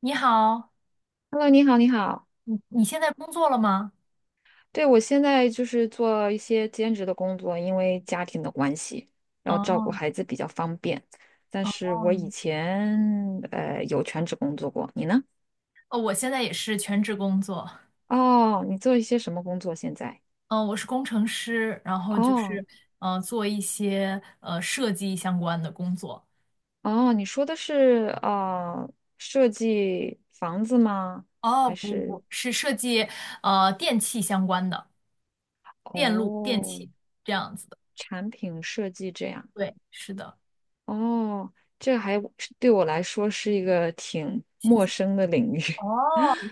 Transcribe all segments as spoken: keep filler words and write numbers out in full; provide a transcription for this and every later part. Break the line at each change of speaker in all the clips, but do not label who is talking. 你好，
Hello，你好，你好。
你你现在工作了吗？
对，我现在就是做一些兼职的工作，因为家庭的关系，要照顾
哦
孩子比较方便。但
哦。
是我以前呃有全职工作过，你呢？
哦，我现在也是全职工作。
哦，你做一些什么工作现在？
嗯、我是工程师，然后就
哦
是呃做一些呃设计相关的工作。
哦，你说的是呃设计房子吗？还
哦，不不
是
不，是设计呃电器相关的，电路、电
哦
器这样子的。
产品设计这样？
对，是的。
哦，这还对我来说是一个挺
新
陌
鲜。
生的领域。
哦，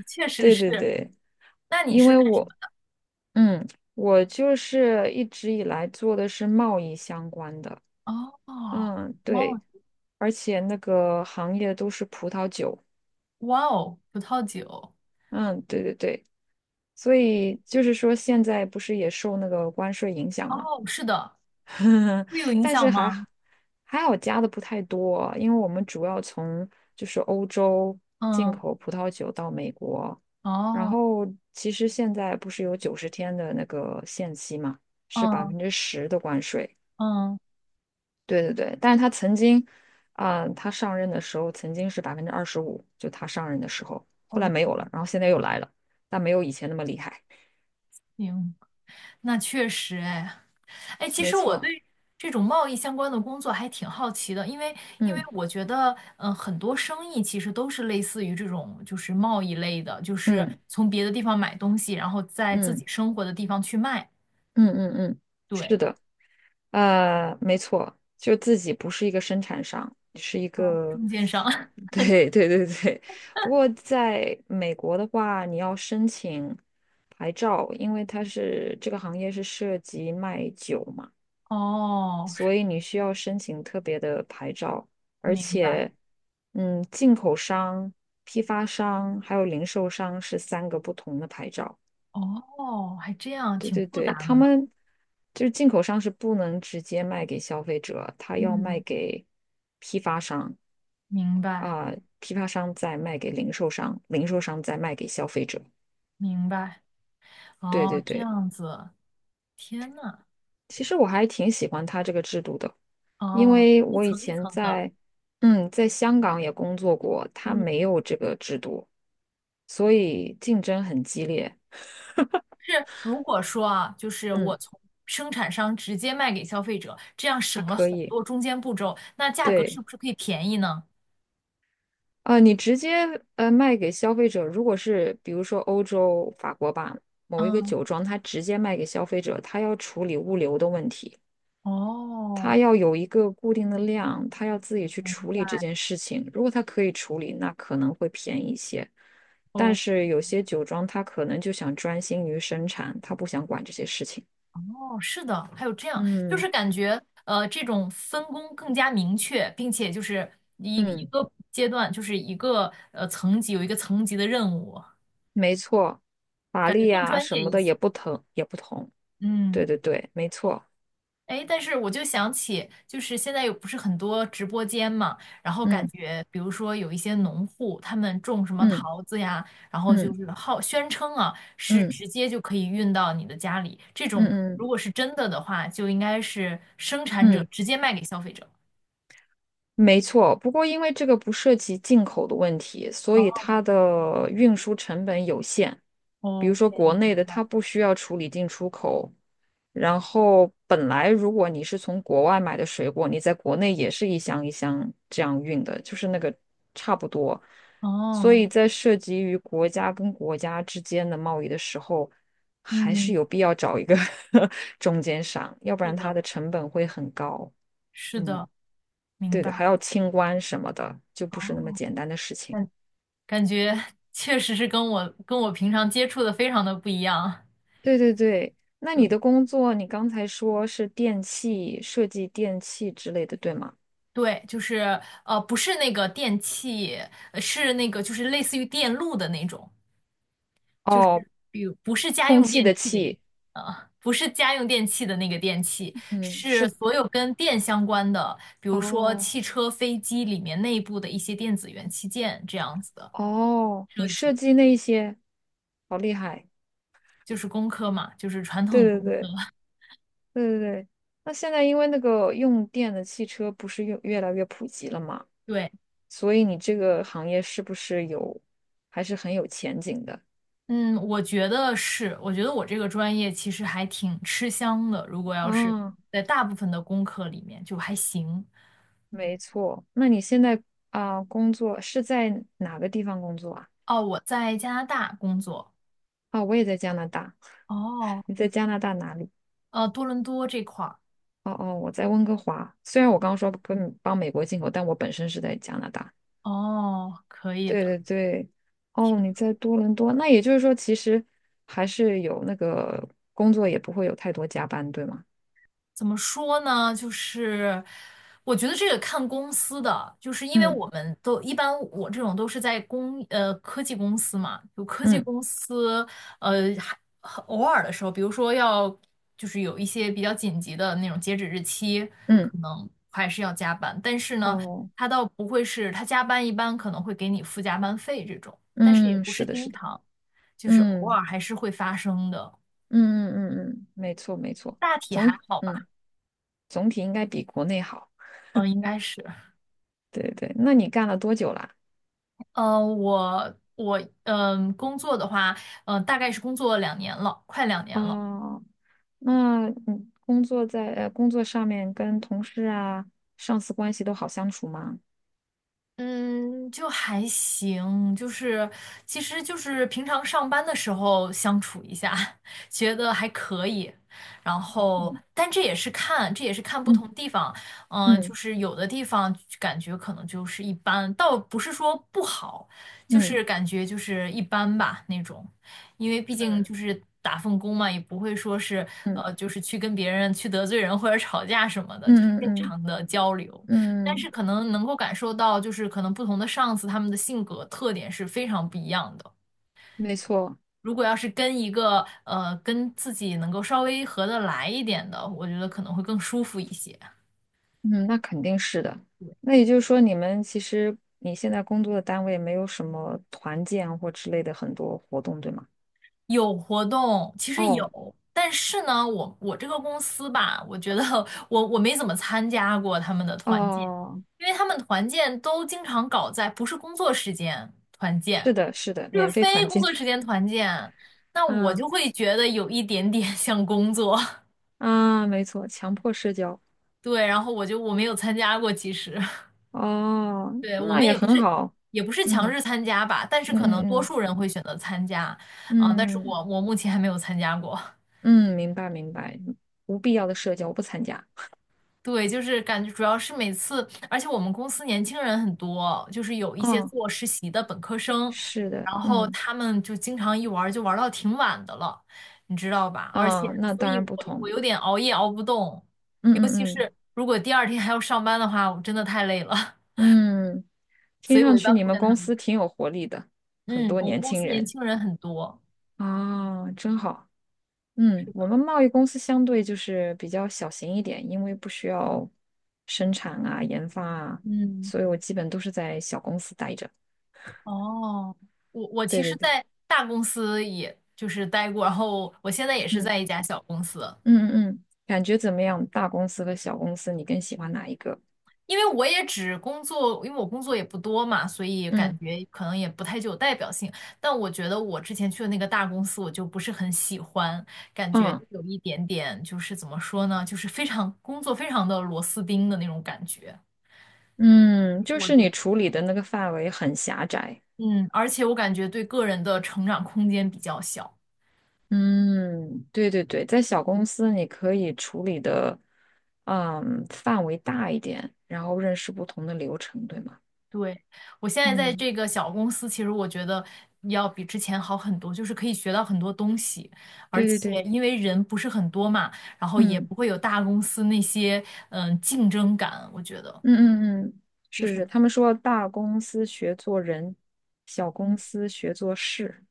确实
对对
是。
对，
那你
因
是
为
干什么
我，
的？
嗯，我就是一直以来做的是贸易相关的，
哦，
嗯，
哇
对，
哦。
而且那个行业都是葡萄酒，
哇哦，葡萄酒。
嗯，对对对，所以就是说现在不是也受那个关税影响
哦，
嘛，
是的。会有影
但是
响
还
吗？
还好加的不太多，因为我们主要从就是欧洲进
嗯。
口葡萄酒到美国，然
哦。
后其实现在不是有九十天的那个限期嘛，是百
嗯。
分之十的关税。
嗯
对对对，但是他曾经，啊、他上任的时候曾经是百分之二十五，就他上任的时候，后来没有了，
，OK。
然后现在又来了，但没有以前那么厉害。
行，那确实哎。哎，其
没
实我
错，
对这种贸易相关的工作还挺好奇的，因为因为
嗯
我觉得，嗯、很多生意其实都是类似于这种，就是贸易类的，就是
嗯
从别的地方买东西，然后在自
嗯
己生活的地方去卖。
嗯嗯嗯嗯，
对。
是的。呃，没错，就自己不是一个生产商，是一
嗯，
个，
中间商。
对对对对。不过在美国的话，你要申请牌照，因为它是这个行业是涉及卖酒嘛，
哦，是。
所以你需要申请特别的牌照，而
明白。
且，嗯，进口商、批发商还有零售商是三个不同的牌照。
哦，还这样，
对
挺
对
复
对，
杂
他
的呢。
们就是进口商是不能直接卖给消费者，他要卖
嗯，
给批发商
明白
啊，批发商再卖给零售商，零售商再卖给消费者。
明白。
对
哦，
对
这
对，
样子。天呐。
其实我还挺喜欢他这个制度的，因
哦，
为
一
我以
层一
前
层的。
在嗯在香港也工作过，他
嗯。
没有这个制度，所以竞争很激烈。
是如果说啊，就是我
嗯，
从生产商直接卖给消费者，这样
它
省了
可
很
以，
多中间步骤，那价格是
对。
不是可以便宜呢？
啊，你直接呃卖给消费者，如果是比如说欧洲法国吧，某一个
嗯。
酒庄，它直接卖给消费者，他要处理物流的问题，他
哦。
要有一个固定的量，他要自己去
明
处理这
白。
件事情。如果他可以处理，那可能会便宜一些。但
哦。
是有些酒庄，他可能就想专心于生产，他不想管这些事情。
哦，是的，还有这样，就
嗯
是感觉呃，这种分工更加明确，并且就是一一
嗯，
个阶段，就是一个呃层级有一个层级的任务，
没错，法
感觉
力
更
啊
专
什
业
么
一
的
些。
也不疼，也不同。
嗯。
对对对，没错。
哎，但是我就想起，就是现在有不是很多直播间嘛，然后感
嗯
觉，比如说有一些农户，他们种什么
嗯
桃子呀，然后就
嗯
是号宣称啊，是
嗯。
直接就可以运到你的家里。这
嗯
种如
嗯
果是真的的话，就应该是生产者
嗯，
直接卖给消费者。
没错。不过因为这个不涉及进口的问题，所
哦
以它的运输成本有限。比如
，OK。
说国内的，它不需要处理进出口。然后本来如果你是从国外买的水果，你在国内也是一箱一箱这样运的，就是那个差不多。所
哦。
以在涉及于国家跟国家之间的贸易的时候，还是
嗯，
有必要找一个 中间商，要不
是
然它
的，
的成本会很高。
是
嗯。
的。明
对对，
白。
还要清关什么的，就
哦，
不是那么简单的事情。
感感觉确实是跟我跟我平常接触的非常的不一样。
对对对，那你
对。
的工作，你刚才说是电器设计、电器之类的，对吗？
对，就是呃，不是那个电器，呃是那个就是类似于电路的那种，就是
哦，
比如不是家
空
用
气
电
的
器的意思。
气，
呃，不是家用电器的那个电器，
嗯，
是
是，
所有跟电相关的，比如说
哦
汽车、飞机里面内部的一些电子元器件这样子的
哦，
设
你设
计，
计那一些，好厉害。
就是工科嘛，就是传
对
统
对
工科。
对对对对。那现在因为那个用电的汽车不是越越来越普及了嘛，
对。
所以你这个行业是不是有，还是很有前景的？
嗯，我觉得是，我觉得我这个专业其实还挺吃香的，如果要是
啊？
在大部分的工科里面就还行。
没错。那你现在啊、工作是在哪个地方工作啊？
哦，我在加拿大工作。
啊、我也在加拿大。
哦。
你在加拿大哪里？
呃，多伦多这块儿。
哦哦，我在温哥华。虽然我刚刚说跟帮美国进口，但我本身是在加拿大。
哦，可以
对
的。
对对，哦，你在多伦多，那也就是说，其实还是有那个工作，也不会有太多加班，对吗？
怎么说呢？就是我觉得这个看公司的，就是因为
嗯
我们都一般，我这种都是在公呃科技公司嘛，就科技
嗯
公司。呃，还很偶尔的时候，比如说要就是有一些比较紧急的那种截止日期，
嗯，
可能还是要加班。但是呢，
哦，
他倒不会是他加班，一般可能会给你付加班费这种，但是也
嗯，
不是
是的，
经
是的，
常，就是偶
嗯
尔还是会发生的。
嗯嗯嗯嗯，嗯没错没错，
大体还
总
好
嗯
吧。
总体应该比国内好。
嗯，应该是。
对对，那你干了多久啦？
嗯，我我嗯、呃工作的话，嗯、大概是工作两年了，快两年了。
哦，那你工作在呃工作上面跟同事啊、上司关系都好相处吗？
嗯，就还行，就是其实就是平常上班的时候相处一下，觉得还可以。然后，但这也是看，这也是看不
嗯
同地方。嗯，就
嗯
是有的地方感觉可能就是一般，倒不是说不好，就
嗯
是感觉就是一般吧那种。因为毕竟就
嗯
是打份工嘛，也不会说是
嗯
呃，就是去跟别人去得罪人或者吵架什么的，就是
嗯
正
嗯嗯
常的交流。
嗯，
但是
嗯，
可能能够感受到，就是可能不同的上司他们的性格特点是非常不一样的。
没错，
如果要是跟一个呃跟自己能够稍微合得来一点的，我觉得可能会更舒服一些。
嗯，那肯定是的。那也就是说，你们其实你现在工作的单位没有什么团建或之类的很多活动，对吗？
有活动，其实
哦
有，但是呢，我我这个公司吧，我觉得我我没怎么参加过他们的团建，
哦，
因为他们团建都经常搞在不是工作时间团
是
建，
的，是的，
就是
免费
非
团
工
建，
作时间团建，那 我就
啊
会觉得有一点点 像工作。
啊，没错，强迫社交。
对，然后我就我没有参加过，其实
哦，
对，我
那
们
也
也不
很
是
好。
也不是强
嗯
制参加吧，但是可能
嗯
多
嗯
数人会选择参加啊，但是
嗯
我
嗯
我目前还没有参加过。
嗯，明白明白。无必要的社交我不参加。
对，就是感觉主要是每次，而且我们公司年轻人很多，就是有一些
哦，
做实习的本科生，
是的，
然后
嗯
他们就经常一玩儿就玩儿到挺晚的了，你知道吧？而且，
啊，那
所
当
以
然不
我我
同。
有点熬夜熬不动，
嗯嗯
如果第二天还要上班的话，我真的太累了，
嗯嗯，
所
听
以我
上
一
去
般
你
不
们
跟他
公
们。
司挺有活力的，很
嗯，
多
我们
年
公
轻
司年
人
轻人很多。
啊，真好。嗯，我们贸易公司相对就是比较小型一点，因为不需要生产啊、研发啊，
嗯。
所以我基本都是在小公司待着。
哦，我我其
对对
实，
对。
在大公司也就是待过，然后我现在也是
嗯。
在一家小公司。
嗯嗯嗯，感觉怎么样？大公司和小公司，你更喜欢哪一个？
因为我也只工作，因为我工作也不多嘛，所以
嗯
感觉可能也不太具有代表性。但我觉得我之前去的那个大公司，我就不是很喜欢，感觉
嗯
有一点点就是怎么说呢，就是非常工作非常的螺丝钉的那种感觉，
嗯，
就是
就
我
是
觉
你
得，
处理的那个范围很狭窄。
嗯，而且我感觉对个人的成长空间比较小。
嗯，对对对，在小公司你可以处理的，嗯，范围大一点，然后认识不同的流程，对吗？
对，我现在在
嗯，
这个小公司，其实我觉得要比之前好很多，就是可以学到很多东西，而
对对
且
对，
因为人不是很多嘛，然后也
嗯
不会有大公司那些嗯竞争感，我觉得
嗯嗯嗯，
就
是是，
是。
他们说大公司学做人，小公
嗯。
司学做事。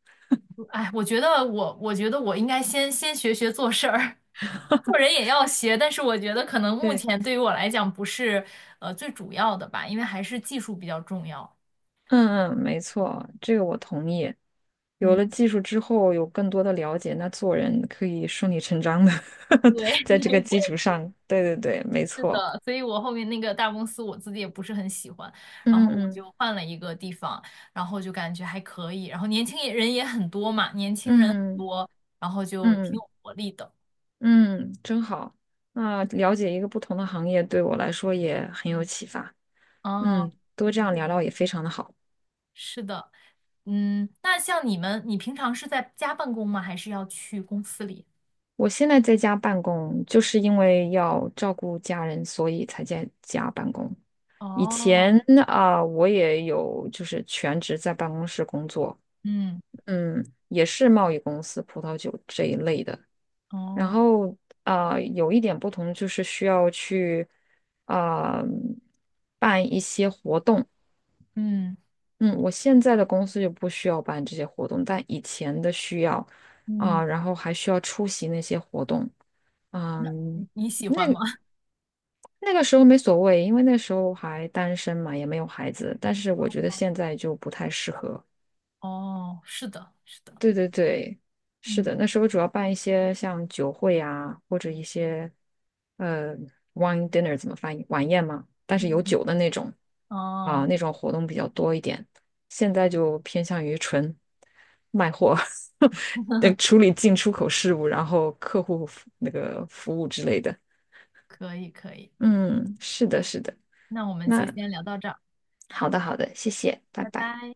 哎，我觉得我我觉得我应该先先学学做事儿，做人也要学，但是我觉得可能目
对。
前对于我来讲不是呃最主要的吧，因为还是技术比较重要。
嗯嗯，没错，这个我同意。有
嗯。
了技术之后，有更多的了解，那做人可以顺理成章的 在
对。
这个基础上。对对对，没
是
错。
的，所以我后面那个大公司我自己也不是很喜欢，然
嗯
后我
嗯
就换了一个地方，然后就感觉还可以，然后年轻人也很多嘛，年轻人很
嗯
多，然后就
嗯
挺
嗯
有活力的。
嗯，真好。那了解一个不同的行业对我来说也很有启发。
哦，
嗯，多这样聊聊也非常的好。
是的。嗯，那像你们，你平常是在家办公吗？还是要去公司里？
我现在在家办公，就是因为要照顾家人，所以才在家办公。以前
哦。
啊，我也有就是全职在办公室工作，
嗯。
嗯，也是贸易公司、葡萄酒这一类的。然
哦。
后啊，有一点不同就是需要去啊办一些活动。
嗯。
嗯，我现在的公司就不需要办这些活动，但以前的需要啊，
嗯，
然后还需要出席那些活动。
那
嗯，
你你喜欢吗？
那个时候没所谓，因为那时候还单身嘛，也没有孩子。但是我觉得现在就不太适合。
哦，是的，是的。
对对对，是
嗯
的，那时候主要办一些像酒会啊，或者一些呃 wine dinner 怎么翻译晚宴嘛，但是有
嗯。
酒的那种啊，
哦，
那种活动比较多一点。现在就偏向于纯卖货，呃 处理进出口事务，然后客户服那个服务之类的。
可以可以。
嗯，是的，是的。
那我们就
那
先聊到这儿，
好的，好的，谢谢，拜
拜
拜。
拜。